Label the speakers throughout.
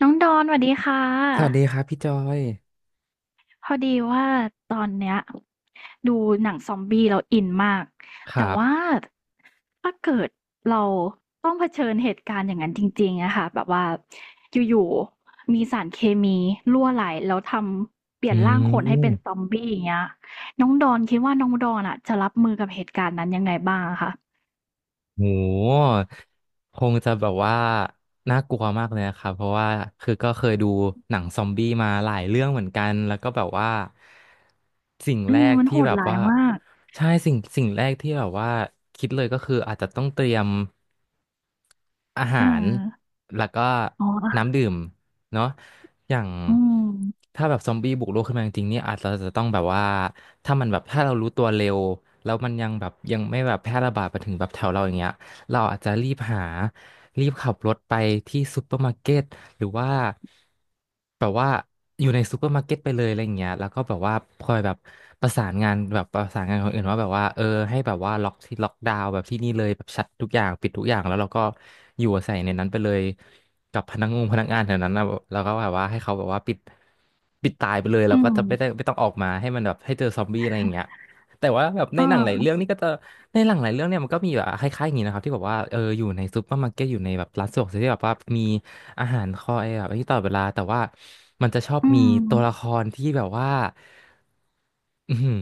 Speaker 1: น้องดอนสวัสดีค่
Speaker 2: สวัสดี
Speaker 1: ะ
Speaker 2: ครับพี่จอย
Speaker 1: พอดีว่าตอนเนี้ยดูหนังซอมบี้เราอินมาก
Speaker 2: ค
Speaker 1: แต่
Speaker 2: รับ
Speaker 1: ว่าถ้าเกิดเราต้องเผชิญเหตุการณ์อย่างนั้นจริงๆอะค่ะแบบว่าอยู่ๆมีสารเคมีรั่วไหลแล้วทำเปลี่
Speaker 2: อื
Speaker 1: ยนร่างคนให้เป็นซ
Speaker 2: ม
Speaker 1: อมบี้อย่างเงี้ยน้องดอนคิดว่าน้องดอนอะจะรับมือกับเหตุการณ์นั้นยังไงบ้างอะคะ
Speaker 2: โหคงจะแบบว่าน่ากลัวมากเลยนะครับเพราะว่าคือก็เคยดูหนังซอมบี้มาหลายเรื่องเหมือนกันแล้วก็แบบว่าสิ่ง
Speaker 1: เอ
Speaker 2: แร
Speaker 1: อ
Speaker 2: ก
Speaker 1: มัน
Speaker 2: ที่
Speaker 1: โหด
Speaker 2: แบบ
Speaker 1: ร้าย
Speaker 2: ว่า
Speaker 1: มาก
Speaker 2: ใช่สิ่งแรกที่แบบว่าคิดเลยก็คืออาจจะต้องเตรียมอาหา
Speaker 1: เออ
Speaker 2: รแล้วก็
Speaker 1: อ๋อ
Speaker 2: น้ำ
Speaker 1: อ
Speaker 2: ดื่ม เนาะอย่าง
Speaker 1: อืม
Speaker 2: ถ้าแบบซอมบี้บุกโลกขึ้นมาจริงๆนี่อาจจะต้องแบบว่า ถ้ามันแบบ ถ้าเรารู้ตัวเร็ว แล้วมันยังแบบยังไม่แบบแพร่ระบาดไปถึงแบบแถวเราอย่างเงี้ยเราอาจจะรีบหา รีบขับรถไปที่ซูเปอร์มาร์เก็ตหรือว่าแบบว่าอยู่ในซูเปอร์มาร์เก็ตไปเลยอะไรอย่างเงี้ยแล้วก็แบบว่าคอยแบบประสานงานคนอื่นว่าแบบว่าเออให้แบบว่าล็อกที่ล็อกดาวน์แบบที่นี่เลยแบบชัดทุกอย่างปิดทุกอย่างแล้วเราก็อยู่อาศัยในนั้นไปเลยกับพนักงานแถวนั้นนะแล้วก็แบบว่าให้เขาแบบว่าปิดตายไปเลยแล้ว
Speaker 1: อื
Speaker 2: ก็
Speaker 1: ม
Speaker 2: จะไม่ต้องออกมาให้มันแบบให้เจอซอมบี้อะไรอย่างเงี้ย แต่ว่าแบบในหนังหลาย
Speaker 1: อ่า
Speaker 2: เรื่องนี่ก็จะในหนังหลายเรื่องเนี่ยมันก็มีแบบคล้ายๆอย่างนี้นะครับที่แบบว่าเอออยู่ในซูเปอร์มาร์เก็ตอยู่ในแบบร้านสะดวกซื้อที่แบบว่ามีอาหารคอยแบบที่ตลอดเวลาแต่ว่ามันจะชอบ
Speaker 1: อื
Speaker 2: มี
Speaker 1: ม
Speaker 2: ตัวละครที่แบบว่าอือหือ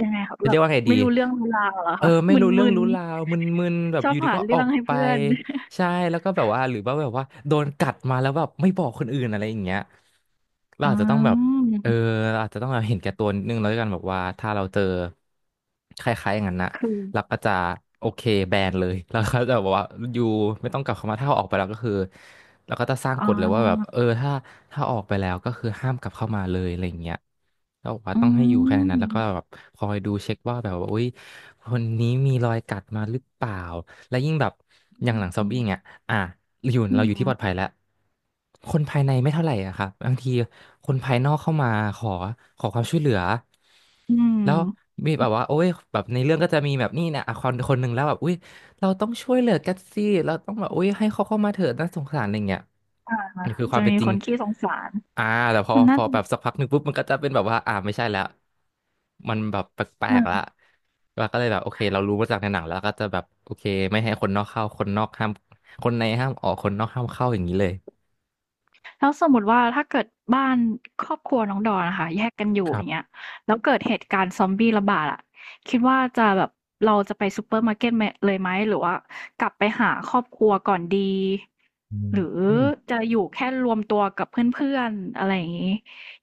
Speaker 1: ยังไงครับ
Speaker 2: จะ
Speaker 1: แบ
Speaker 2: เรีย
Speaker 1: บ
Speaker 2: กว่าไงดี
Speaker 1: ไม่รู้เรื่องรู้ราวเหรอ
Speaker 2: เออ
Speaker 1: คะ
Speaker 2: ไม่รู้เรื่อง
Speaker 1: มึน
Speaker 2: รู้ราวมึนๆแบ
Speaker 1: ๆ
Speaker 2: บ
Speaker 1: ชอ
Speaker 2: อ
Speaker 1: บ
Speaker 2: ยู่ดี
Speaker 1: หา
Speaker 2: ก็อ
Speaker 1: เรื่
Speaker 2: อ
Speaker 1: อง
Speaker 2: ก
Speaker 1: ให้
Speaker 2: ไป
Speaker 1: เพื่อน
Speaker 2: ใช่แล้วก็แบบว่าหรือว่าแบบว่าโดนกัดมาแล้วแบบไม่บอกคนอื่นอะไรอย่างเงี้ยเรา
Speaker 1: อื
Speaker 2: อาจจะต้องแบบ เออ
Speaker 1: ม
Speaker 2: เราอาจจะต้องเห็นแก่ตัวนิดนึงแล้วกันแบบว่าถ้าเราเจอคล้ายๆอย่างนั้นนะ
Speaker 1: คือ
Speaker 2: เราก็จะโอเคแบนเลย แล้วก็จะบอกว่าอยู่ไม่ต้องกลับเข้ามาถ้าเอาออกไปแล้วก็คือเราก็จะสร้าง
Speaker 1: อ๋
Speaker 2: กฎเลยว่าแบบเอ
Speaker 1: อ
Speaker 2: อถ้าออกไปแล้วก็คือห้ามกลับเข้ามาเลยอะไรอย่างเงี้ยแล้วบอกว่า
Speaker 1: อื
Speaker 2: ต้องให้อยู่แค่ในนั้นแล้ว
Speaker 1: ม
Speaker 2: ก็แบบคอยดูเช็คว่าแบบว่าอุ้ยคนนี้มีรอยกัดมาหรือเปล่าและยิ่งแบบอ
Speaker 1: อ
Speaker 2: ย่างหลังซอม
Speaker 1: ืม
Speaker 2: บี้เงี้ย อ่ะอยู่
Speaker 1: อื
Speaker 2: เราอยู่ที่ปลอดภัย
Speaker 1: ม
Speaker 2: แล้วคนภายในไม่เท่าไหร่อะครับบางทีคนภายนอกเข้ามาขอขอความช่วยเหลือ
Speaker 1: อืม
Speaker 2: แล้วมีแบบว่าโอ้ยแบบในเรื่องก็จะมีแบบนี่เนี่ยอ่ะคนคนหนึ่งแล้วแบบอุ้ยเราต้องช่วยเหลือกันสิเราต้องแบบอุ้ยให้เขาเข้ามาเถิดน่าสงสารอะไรเงี้ย
Speaker 1: อา
Speaker 2: นี่คือควา
Speaker 1: จะ
Speaker 2: มเป็น
Speaker 1: มี
Speaker 2: จริ
Speaker 1: ค
Speaker 2: ง
Speaker 1: นขี้สงสาร
Speaker 2: อ่าแต่
Speaker 1: มัน
Speaker 2: พ
Speaker 1: น่า
Speaker 2: อ
Speaker 1: จะ
Speaker 2: แบบสักพักหนึ่งปุ๊บมันก็จะเป็นแบบว่าอ่าไม่ใช่แล้วมันแบบแปลกๆละ
Speaker 1: เออ
Speaker 2: เราก็เลยแบบโอเคเรารู้มาจากในหนังแล้วก็จะแบบโอเคไม่ให้คนนอกเข้าคนในห้ามออกคนนอกห้ามเข้าอย่างนี้เลย
Speaker 1: แล้วสมมุติว่าถ้าเกิดบ้านครอบครัวน้องดอนอะค่ะแยกกันอยู่
Speaker 2: ค
Speaker 1: อ
Speaker 2: รั
Speaker 1: ย่างเงี้
Speaker 2: บ
Speaker 1: ยแล้วเกิดเหตุการณ์ซอมบี้ระบาดอะคิดว่าจะแบบเราจะไปซูเปอร์มาร์เก็ตมเลยไหมหรือว่ากลับไปหาครอบครัวก่อนดี
Speaker 2: อื
Speaker 1: หรือ
Speaker 2: ม
Speaker 1: จะอยู่แค่รวมตัวกับเพื่อนๆอะไรอย่างงี้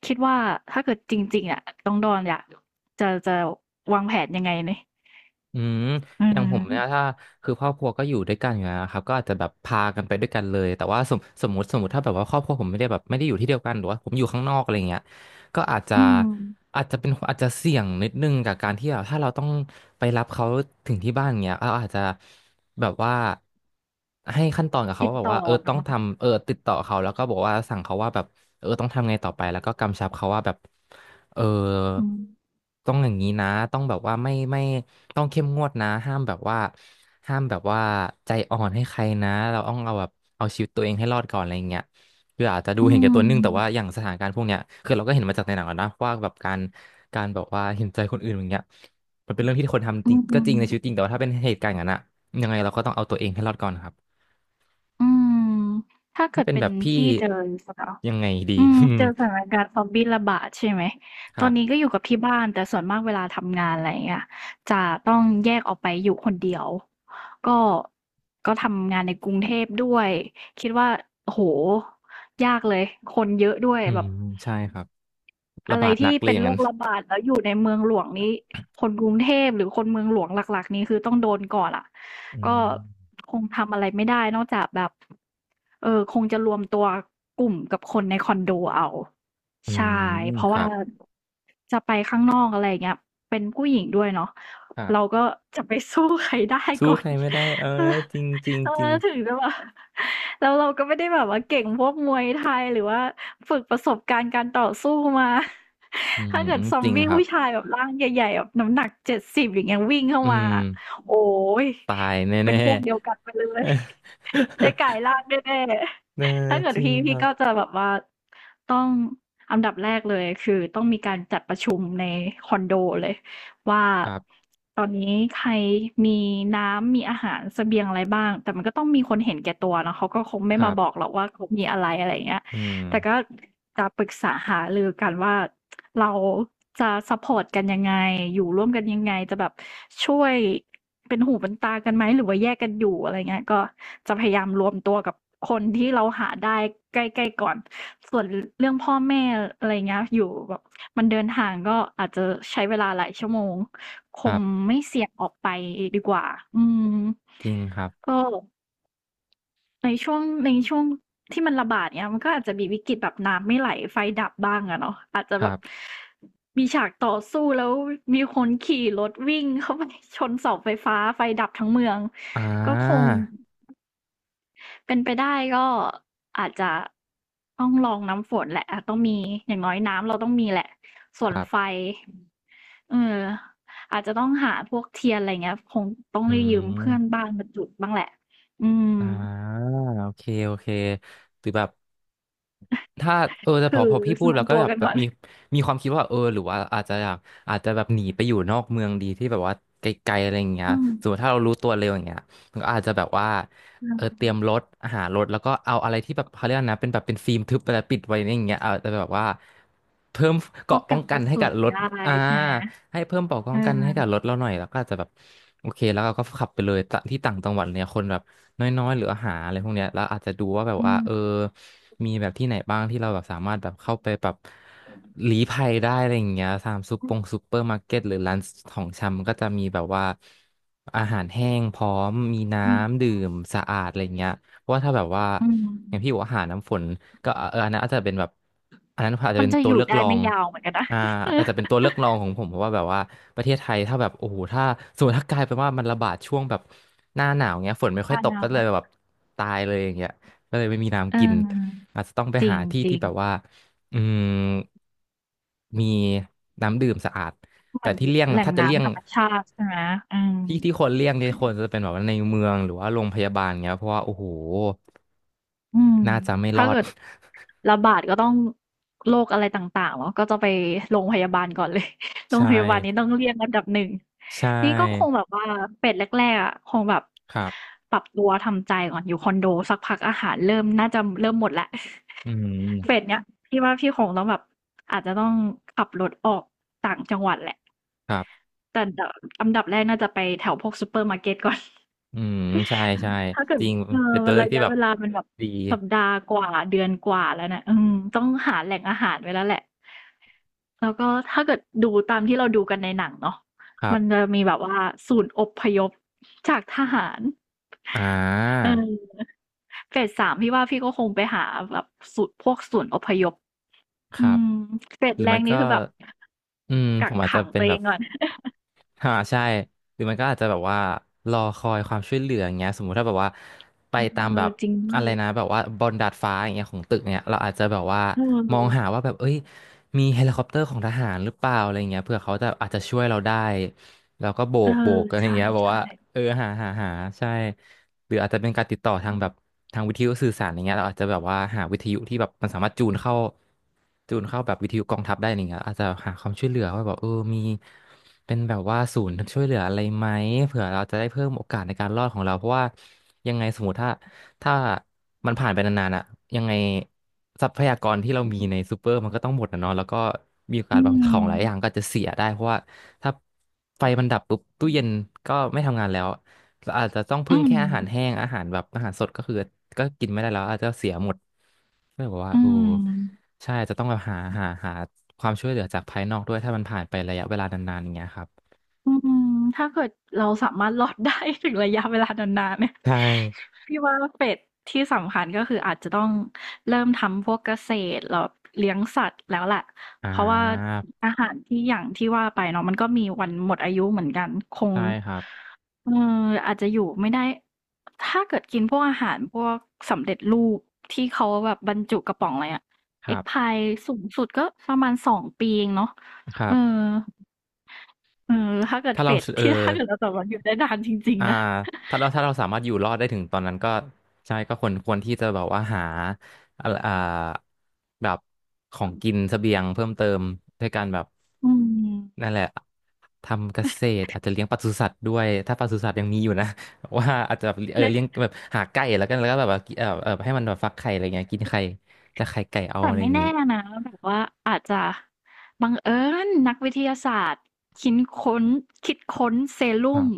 Speaker 1: คิดว่าถ้าเกิดจริงๆอะน้องดอนอยากจะวางแผนยังไงนี่
Speaker 2: อืม
Speaker 1: อื
Speaker 2: อย่างผมเนี่ยถ้า
Speaker 1: ม
Speaker 2: คือครอบครัวก็อยู่ด้วยกันอยู่แล้วนะครับก็อาจจะแบบพากันไปด้วยกันเลยแต่ว่าสมมติถ้าแบบว่าครอบครัวผมไม่ได้แบบไม่ได้อยู่ที่เดียวกันหรือว่าผมอยู่ข้างนอกอะไรเงี้ย ก็อาจจะ
Speaker 1: อืม
Speaker 2: อาจจะเป็นอาจจะเสี่ยงนิดนึงกับการที่แบบถ้าเราต้องไปรับเขาถึงที่บ้านเงี้ยเราอาจจะแบบว่าให้ขั้นตอนกับเขา
Speaker 1: ติด
Speaker 2: ว่าแบบ
Speaker 1: ต่อ
Speaker 2: ว่าเออ
Speaker 1: กั
Speaker 2: ต้
Speaker 1: น
Speaker 2: อง
Speaker 1: เนาะ
Speaker 2: ทำเออติดต่อเขาแล้วก็บอกว่าสั่งเขาว่าแบบเออต้องทำไงต่อไปแล้วก็กำชับเขาว่าแบบเออ
Speaker 1: อืม
Speaker 2: ต้องอย่างนี้นะต้องแบบว่าไม่ต้องเข้มงวดนะห้ามแบบว่าห้ามแบบว่าใจอ่อนให้ใครนะเราต้องเอาแบบเอาชีวิตตัวเองให้รอดก่อนอะไรอย่างเงี้ย คืออาจจะดู
Speaker 1: อื
Speaker 2: เห็นแก่ตั
Speaker 1: ม
Speaker 2: วนึงแต่ว่าอย่างสถานการณ์พวกเนี้ยคือเราก็เห็นมาจากในหนังแล้วนะว่าแบบการแบบว่าเห็นใจคนอื่นอย่างเงี้ยมันเป็นเรื่องที่คนทำ
Speaker 1: อื
Speaker 2: จริง
Speaker 1: ม
Speaker 2: ก็จริงในชีวิตจริงแต่ว่าถ้าเป็นเหตุการณ์อย่างนั้นอะยังไงเราก็ต้องเอาตัวเองให้รอดก่อนครับ
Speaker 1: อืมถ้าเกิ
Speaker 2: ถ้า
Speaker 1: ด
Speaker 2: เป็น
Speaker 1: เป็
Speaker 2: แบ
Speaker 1: น
Speaker 2: บพี่
Speaker 1: พี่เจอสถาน
Speaker 2: ยังไงดี
Speaker 1: อืม
Speaker 2: อืม
Speaker 1: เจอสถานการณ์ซอมบี้ระบาดใช่ไหม
Speaker 2: ค
Speaker 1: ตอ
Speaker 2: รั
Speaker 1: นนี้
Speaker 2: บ
Speaker 1: ก็อยู่กับที่บ้านแต่ส่วนมากเวลาทำงานอะไรเงี้ยจะต้องแยกออกไปอยู่คนเดียวก็ก็ทำงานในกรุงเทพด้วยคิดว่าโอ้โหยากเลยคนเยอะด้วย
Speaker 2: อื
Speaker 1: แบ
Speaker 2: ม
Speaker 1: บ
Speaker 2: ใช่ครับระ
Speaker 1: อะไร
Speaker 2: บาดหนั
Speaker 1: ที่
Speaker 2: กเลย
Speaker 1: เป็
Speaker 2: อ
Speaker 1: น
Speaker 2: ย่าง
Speaker 1: โร
Speaker 2: นั้น
Speaker 1: คระบาดแล้วอยู่ในเมืองหลวงนี้คนกรุงเทพหรือคนเมืองหลวงหลักๆนี้คือต้องโดนก่อนอะ
Speaker 2: อื
Speaker 1: ก็
Speaker 2: ม
Speaker 1: คงทำอะไรไม่ได้นอกจากแบบเออคงจะรวมตัวกลุ่มกับคนในคอนโดเอา
Speaker 2: อื
Speaker 1: ใช่
Speaker 2: ม
Speaker 1: เพราะ
Speaker 2: ค
Speaker 1: ว่า
Speaker 2: รับ
Speaker 1: จะไปข้างนอกอะไรอย่างเงี้ยเป็นผู้หญิงด้วยเนาะ
Speaker 2: ครั
Speaker 1: เรา
Speaker 2: บ
Speaker 1: ก็จะไปสู้ใครได้
Speaker 2: สู้
Speaker 1: ก่อ
Speaker 2: ใค
Speaker 1: น
Speaker 2: รไม่ได้เออ
Speaker 1: เออ
Speaker 2: จริงจริง
Speaker 1: เออ
Speaker 2: จริง
Speaker 1: ถึงจะแบบ แล้วเราก็ไม่ได้แบบว่าเก่งพวกมวยไทยหรือว่าฝึกประสบการณ์การต่อสู้มา
Speaker 2: อื ม
Speaker 1: ถ้าเกิดซอ
Speaker 2: จ
Speaker 1: ม
Speaker 2: ริง
Speaker 1: บี้
Speaker 2: ครับ
Speaker 1: ผู้ชายแบบร่างใหญ่ๆแบบน้ำหนัก70อย่างเงี้ยวิ่งเข้า
Speaker 2: อื
Speaker 1: มา
Speaker 2: ม
Speaker 1: โอ้ย
Speaker 2: ตาย
Speaker 1: เป็
Speaker 2: แน่
Speaker 1: นพวกเดียว
Speaker 2: ๆ
Speaker 1: กันไปเลย ได้กลายร่างแน่
Speaker 2: เออ
Speaker 1: ๆถ้าเกิ
Speaker 2: จ
Speaker 1: ด
Speaker 2: ริง
Speaker 1: พี่
Speaker 2: ค
Speaker 1: พี่
Speaker 2: รับ
Speaker 1: ก็จะแบบว่าต้องอันดับแรกเลยคือต้องมีการจัดประชุมในคอนโดเลย ว่า
Speaker 2: ครับ
Speaker 1: ตอนนี้ใครมีน้ำมีอาหารเสบียงอะไรบ้างแต่มันก็ต้องมีคนเห็นแก่ตัวเนาะเขาก็คงไม่
Speaker 2: ครั
Speaker 1: มาบอก
Speaker 2: บ
Speaker 1: หรอกว่าเขามีอะไรอะไรอย่างเงี้ย
Speaker 2: อืม
Speaker 1: แต่ก็จะปรึกษาหารือกันว่าเราจะซัปพอร์ตกันยังไงอยู่ร่วมกันยังไงจะแบบช่วยเป็นหูเป็นตากันไหมหรือว่าแยกกันอยู่อะไรเงี้ยก็จะพยายามรวมตัวกับคนที่เราหาได้ใกล้ๆก่อนส่วนเรื่องพ่อแม่อะไรเงี้ยอยู่แบบ มันเดินทางก็อาจจะใช้เวลาหลายชั่วโมงค
Speaker 2: ครั
Speaker 1: ง
Speaker 2: บ
Speaker 1: ไม่เสี่ยงออกไปดีกว่าอืม
Speaker 2: จริงครับ
Speaker 1: ก็ในช่วงที่มันระบาดเงี้ยมันก็อาจจะมีวิกฤตแบบน้ำไม่ไหลไฟดับบ้างอะเนาะอาจจะ
Speaker 2: ค
Speaker 1: แบ
Speaker 2: รั
Speaker 1: บ
Speaker 2: บ
Speaker 1: มีฉากต่อสู้แล้วมีคนขี่รถวิ่งเข้าไป ชนเสาไฟฟ้าไฟดับทั้งเมือง
Speaker 2: อ่
Speaker 1: ก็คง
Speaker 2: า
Speaker 1: เป็นไปได้ก็อาจจะต้องลองน้ำฝนแหละอาจต้องมีอย่างน้อยน้ำเราต้องมีแหละส่
Speaker 2: ค
Speaker 1: วน
Speaker 2: รั
Speaker 1: ไฟ
Speaker 2: บ
Speaker 1: เอออาจจะต้องหาพวกเทียนอะไรเงี้ยคงต้อง
Speaker 2: อื
Speaker 1: ได้ยืมเพื่อน
Speaker 2: ม
Speaker 1: บ้านมาจุดบ้างแหละอืม
Speaker 2: อ่าโอเคโอเคหรือแบบถ้าแต่พ
Speaker 1: คื
Speaker 2: อ
Speaker 1: อ
Speaker 2: พอพี่พูด
Speaker 1: รว
Speaker 2: แล้
Speaker 1: ม
Speaker 2: วก็
Speaker 1: ตัว
Speaker 2: แบบ
Speaker 1: กัน
Speaker 2: แบ
Speaker 1: ก่
Speaker 2: บ
Speaker 1: อน
Speaker 2: มีความคิดว่าเออหรือว่าอาจจะอยากอาจจะแบบหนีไปอยู่นอกเมืองดีที่แบบว่าไกลๆอะไรอย่างเงี้ย
Speaker 1: อืม
Speaker 2: สมมติถ้าเรารู้ตัวเร็วอย่างเงี้ยมันก็อาจจะแบบว่า
Speaker 1: ใช
Speaker 2: เออเต
Speaker 1: ่
Speaker 2: รียมรถหารถแล้วก็เอาอะไรที่แบบเขาเรียกนะเป็นแบบเป็นฟิล์มทึบอะไรปิดไว้อย่างเงี้ยเอาจจะแบบว่าเพิ่มเก
Speaker 1: พว
Speaker 2: ราะ
Speaker 1: ก
Speaker 2: ป้อ
Speaker 1: กั
Speaker 2: ง
Speaker 1: นก
Speaker 2: กัน
Speaker 1: ระ
Speaker 2: ให้
Speaker 1: สุ
Speaker 2: กั
Speaker 1: น
Speaker 2: บรถ
Speaker 1: ได้
Speaker 2: อ่า
Speaker 1: ใช่ไหม
Speaker 2: ให้เพิ่มเกราะป้อ
Speaker 1: เอ
Speaker 2: งกันให้กับรถ
Speaker 1: อ
Speaker 2: เราหน่อยแล้วก็อาจจะแบบโอเคแล้วเราก็ขับไปเลยตะที่ต่างจังหวัดเนี่ยคนแบบ น้อยๆหรืออาหารอะไรพวกเนี้ยแล้วอาจจะดูว่าแบบ
Speaker 1: อื
Speaker 2: ว่าเออ
Speaker 1: ม
Speaker 2: มีแบบที่ไหนบ้างที่เราแบบสามารถแบบเข้าไปแบบหลีภัยได้อะไรอย่างเงี้ยตามซุปเปอร์มาร์เก็ตหรือร้านของชำก็จะมีแบบว่าอาหารแห้งพร้อมมีน้
Speaker 1: อื
Speaker 2: ำดื่
Speaker 1: ม
Speaker 2: มสะอาดอะไรอย่างเงี้ยเพราะว่าถ้าแบบว่า
Speaker 1: อืม
Speaker 2: อย่างพี่บอกว่าหารน้ำฝนก็เอออันนั้นอาจจะเป็นแบบอันนั้นอาจจะ
Speaker 1: มัน
Speaker 2: เป็น
Speaker 1: จะ
Speaker 2: ตั
Speaker 1: อ
Speaker 2: ว
Speaker 1: ยู่
Speaker 2: เลือก
Speaker 1: ได้
Speaker 2: รอ
Speaker 1: ไม่
Speaker 2: ง
Speaker 1: ยาวเหมือนกันนะ
Speaker 2: อ่า
Speaker 1: เออ
Speaker 2: อาจจะเป็นตัวเลือกรองของผมเพราะว่าแบบว่าประเทศไทยถ้าแบบโอ้โหถ้าสมมติถ้ากลายเป็นว่ามันระบาดช่วงแบบหน้าหนาวเงี้ยฝนไม่ค่อย
Speaker 1: บ้าน
Speaker 2: ตก
Speaker 1: เรา
Speaker 2: ก็เลย
Speaker 1: นะ
Speaker 2: แบบตายเลยอย่างเงี้ยก็เลยไม่มี
Speaker 1: เ
Speaker 2: น้ำกิน
Speaker 1: ออ
Speaker 2: อาจจะต้องไป
Speaker 1: จร
Speaker 2: หาที่
Speaker 1: ิ
Speaker 2: ที่
Speaker 1: ง
Speaker 2: แบ
Speaker 1: ๆ
Speaker 2: บว่าอืมมีน้ำดื่มสะอาด
Speaker 1: เห
Speaker 2: แต่
Speaker 1: มือน
Speaker 2: ที่เลี่ยง
Speaker 1: แหล่ง
Speaker 2: ถ้าจะเลี่ยง
Speaker 1: น้ำธรรมชาติใช่ไหมอืม
Speaker 2: ที่ที่คนเลี่ยงเนี่ยคนจะเป็นแบบว่าในเมืองหรือว่าโรงพยาบาลเงี้ยเพราะว่าโอ้โห
Speaker 1: อืม
Speaker 2: น่าจะไม่ร
Speaker 1: ถ้า
Speaker 2: อด
Speaker 1: เกิดระบาดก็ต้องโรคอะไรต่างๆเนาะก็จะไปโรงพยาบาลก่อนเลย โร ง
Speaker 2: ใช่
Speaker 1: พยาบาลนี้ต้องเรียกอันดับหนึ่ง
Speaker 2: ใช
Speaker 1: นี่ก็คง
Speaker 2: ่
Speaker 1: แบบว่าเป็ดแรกๆอ่ะคงแบบ
Speaker 2: ครับ
Speaker 1: ปรับตัวทำใจก่อนอยู่คอนโดสักพักอาหารเริ่มน่าจะเริ่มหมดละ
Speaker 2: อื
Speaker 1: เป็ด
Speaker 2: ม
Speaker 1: เนี้ยพี่ว่าพี่คงต้องแบบอาจจะต้องขับรถออกต่างจังหวัดแหละ
Speaker 2: ครับ
Speaker 1: แต่อันดับแรกน่าจะไปแถวพวกซูเปอร์มาร์เก็ตก่อน
Speaker 2: อืมใช่ใช่
Speaker 1: ถ้าเกิ
Speaker 2: จ
Speaker 1: ด
Speaker 2: ริง
Speaker 1: เออ
Speaker 2: เป็นตั
Speaker 1: มั
Speaker 2: ว
Speaker 1: น
Speaker 2: เลือก
Speaker 1: ระ
Speaker 2: ที่
Speaker 1: ยะ
Speaker 2: แบบ
Speaker 1: เวลามันแบบ
Speaker 2: ดี
Speaker 1: สัปดาห์กว่าเดือนกว่าแล้วนะอืมต้องหาแหล่งอาหารไว้แล้วแหละแล้วก็ถ้าเกิดดูตามที่เราดูกันในหนังเนาะ
Speaker 2: ครั
Speaker 1: มันจะ
Speaker 2: บ
Speaker 1: มีแบบว่าศูนย์อพยพจากทหาร
Speaker 2: อ่า
Speaker 1: เออเฟสสามพี่ว่าพี่ก็คงไปหาแบบศูนย์พวกศูนย์อพยพ
Speaker 2: ค
Speaker 1: อื
Speaker 2: รับ
Speaker 1: มเฟส
Speaker 2: หรือ
Speaker 1: แร
Speaker 2: มั
Speaker 1: ก
Speaker 2: น
Speaker 1: นี่
Speaker 2: ก็
Speaker 1: คือแบบ
Speaker 2: อืมผ
Speaker 1: กัก
Speaker 2: มอาจจะ
Speaker 1: ขัง
Speaker 2: เป็
Speaker 1: ตั
Speaker 2: น
Speaker 1: ว
Speaker 2: แบ
Speaker 1: เอ
Speaker 2: บ
Speaker 1: งก่อน
Speaker 2: อ่าใช่หรือมันก็อาจจะแบบว่ารอคอยความช่วยเหลืออย่างเงี้ยสมมุติถ้าแบบว่าไปตาม
Speaker 1: เอ
Speaker 2: แบ
Speaker 1: อ
Speaker 2: บ
Speaker 1: จริงด้วย
Speaker 2: อะไรนะแบบว่าบนดาดฟ้าอย่างเงี้ยของตึกเนี่ยเราอาจจะแบบว่า
Speaker 1: เอ
Speaker 2: มองหา
Speaker 1: อ
Speaker 2: ว่าแบบเอ้ย มีเฮลิคอปเตอร์ของทหารหรือเปล่าอะไรเงี้ยเผื่อเขาจะอาจจะช่วยเราได้แล้วก็โบ
Speaker 1: เออ
Speaker 2: กโบกอะไร
Speaker 1: ใช่
Speaker 2: เงี้ยบอกว่าเออหาใช่หรืออาจจะเป็นการติดต่อทางแบบทางวิทยุสื่อสารอะไรเงี้ยเราอาจจะแบบว่าหาวิทยุที่แบบมันสามารถจูนเข้าจูนเข้าแบบวิทยุกองทัพได้อะไรเงี้ยอาจจะหาความช่วยเหลือว่าแบบเออมีเป็นแบบว่าศูนย์ช่วยเหลืออะไรไหมเผื่อเราจะได้เพิ่มโอกาสในการรอดของเราเพราะว่ายังไงสมมติถ้า ถ้ามันผ่านไปนานๆอะยังไงทรัพยากรที่เรามีในซูเปอร์มันก็ต้องหมดนะเนาะแล้วก็มีโอ
Speaker 1: ๆ
Speaker 2: กา
Speaker 1: อื
Speaker 2: สบางของ
Speaker 1: ม
Speaker 2: หลายอย่างก็จะเสียได้เพราะว่าถ้าไฟมันดับปุ๊บตู้เย็นก็ไม่ทำงานแล้วเราอาจจะต้อง
Speaker 1: อื
Speaker 2: พึ่ง
Speaker 1: ม
Speaker 2: แค่อาหารแห้งอาหารแบบอาหารสดก็คือก็กินไม่ได้แล้วอาจจะเสียหมดก็เลยบอกว่า
Speaker 1: อื
Speaker 2: โอ้
Speaker 1: ม
Speaker 2: ใช่จะต้องแบบหาความช่วยเหลือจากภายนอกด้วยถ้ามันผ่านไประยะเวลานานๆอย่างเงี้ยครับ
Speaker 1: อืมถ้าเกิดเราสามารถรอดได้ถึงระยะเวลานานๆเนี่ย
Speaker 2: ใช่
Speaker 1: พี่ว่าเฟสที่สำคัญก็คืออาจจะต้องเริ่มทำพวกเกษตรแล้วเลี้ยงสัตว์แล้วแหละ
Speaker 2: อ่
Speaker 1: เพราะว่า
Speaker 2: า
Speaker 1: อาหารที่อย่างที่ว่าไปเนาะมันก็มีวันหมดอายุเหมือนกันคง
Speaker 2: ใช่ครับ
Speaker 1: เอ่ออาจจะอยู่ไม่ได้ถ้าเกิดกินพวกอาหารพวกสำเร็จรูปที่เขาแบบบรรจุกระป๋องอะไรอะ
Speaker 2: ครั
Speaker 1: Egg
Speaker 2: บ
Speaker 1: Pie สูงสุดก็ประมาณ2 ปีเองเนาะ
Speaker 2: ครั
Speaker 1: เออ
Speaker 2: บ
Speaker 1: เออถ้าเกิด
Speaker 2: ถ้า
Speaker 1: เฟ
Speaker 2: เรา
Speaker 1: ส
Speaker 2: เออ
Speaker 1: ที่ ถ้าเกิดเราสามารถอยู่ได้นานจริง
Speaker 2: อ่า
Speaker 1: ๆนะ
Speaker 2: ถ้าเราสามารถอยู่รอดได้ถึงตอนนั้นก็ใช่ก็ควรที่จะแบบว่าหาอ่าอ่าแบบของกินเสบียงเพิ่มเติมด้วยการแบบ
Speaker 1: อื
Speaker 2: นั่น
Speaker 1: ม
Speaker 2: แหละทำเกษตรอาจจะเลี้ยงปศุสัตว์ด้วยถ้าปศุสัตว์ยังมีอยู่นะ ว่าอาจจะแบบเออ
Speaker 1: เนี่ย
Speaker 2: เลี้ยงแบบหาไก่แล้วกันแล้วก็แบบว่าเออให้มันแบบฟักไข่อะไรเงี้ยกินไข่จะไข่ไก่เอา
Speaker 1: แต่
Speaker 2: อะไรอ
Speaker 1: ไม่
Speaker 2: ย่างงี้
Speaker 1: แน่นะแบบว่าอาจจะบังเอิญนักวิทยาศาสตร์คิ้นค้นคิดค้นเซ
Speaker 2: ค
Speaker 1: รุ่
Speaker 2: รั
Speaker 1: ม
Speaker 2: บ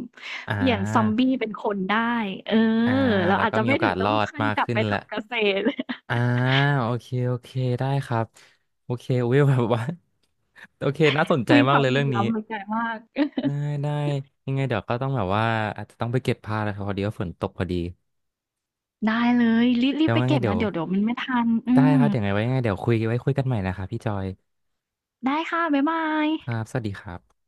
Speaker 2: อ่า
Speaker 1: เปลี่ยนซอมบี้เป็นคนได้เออ
Speaker 2: อ่า
Speaker 1: เรา
Speaker 2: แล้ว
Speaker 1: อาจ
Speaker 2: ก็
Speaker 1: จะ
Speaker 2: มี
Speaker 1: ไม่
Speaker 2: โอ
Speaker 1: ถึ
Speaker 2: กา
Speaker 1: ง
Speaker 2: สร
Speaker 1: ต้อง
Speaker 2: อด
Speaker 1: ขั้น
Speaker 2: มาก
Speaker 1: กลับ
Speaker 2: ขึ้
Speaker 1: ไป
Speaker 2: นแหละ
Speaker 1: ทำเกษตร
Speaker 2: อ่าโอเคโอเคได้ครับโอเคอุ้ยแบบว่า โอเคน่าสนใจ
Speaker 1: มีค
Speaker 2: มาก
Speaker 1: วา
Speaker 2: เล
Speaker 1: ม
Speaker 2: ย
Speaker 1: เห
Speaker 2: เรื่
Speaker 1: ลื่
Speaker 2: อ
Speaker 1: อ
Speaker 2: ง
Speaker 1: ม
Speaker 2: นี้
Speaker 1: ล้ำทางไกลมาก
Speaker 2: ได้ได้ยังไงเดี๋ยวก็ต้องแบบว่าอาจจะต้องไปเก็บผ้าแล้วครับพอดีว่าฝนตกพอดี
Speaker 1: ได้เลยรีบรี
Speaker 2: แล้
Speaker 1: บ
Speaker 2: ว
Speaker 1: ไป
Speaker 2: ว่าไง
Speaker 1: เก็บ
Speaker 2: เดี๋ย
Speaker 1: นะ
Speaker 2: ว
Speaker 1: เดี๋ยวมันไม่ทันอื
Speaker 2: ได้
Speaker 1: ม
Speaker 2: ครับเดี๋ยวไงไว้ยังไงเดี๋ยวคุยกันใหม่นะครับพี่จอย
Speaker 1: ได้ค่ะบ๊ายบาย
Speaker 2: ครับสวัสดีครับ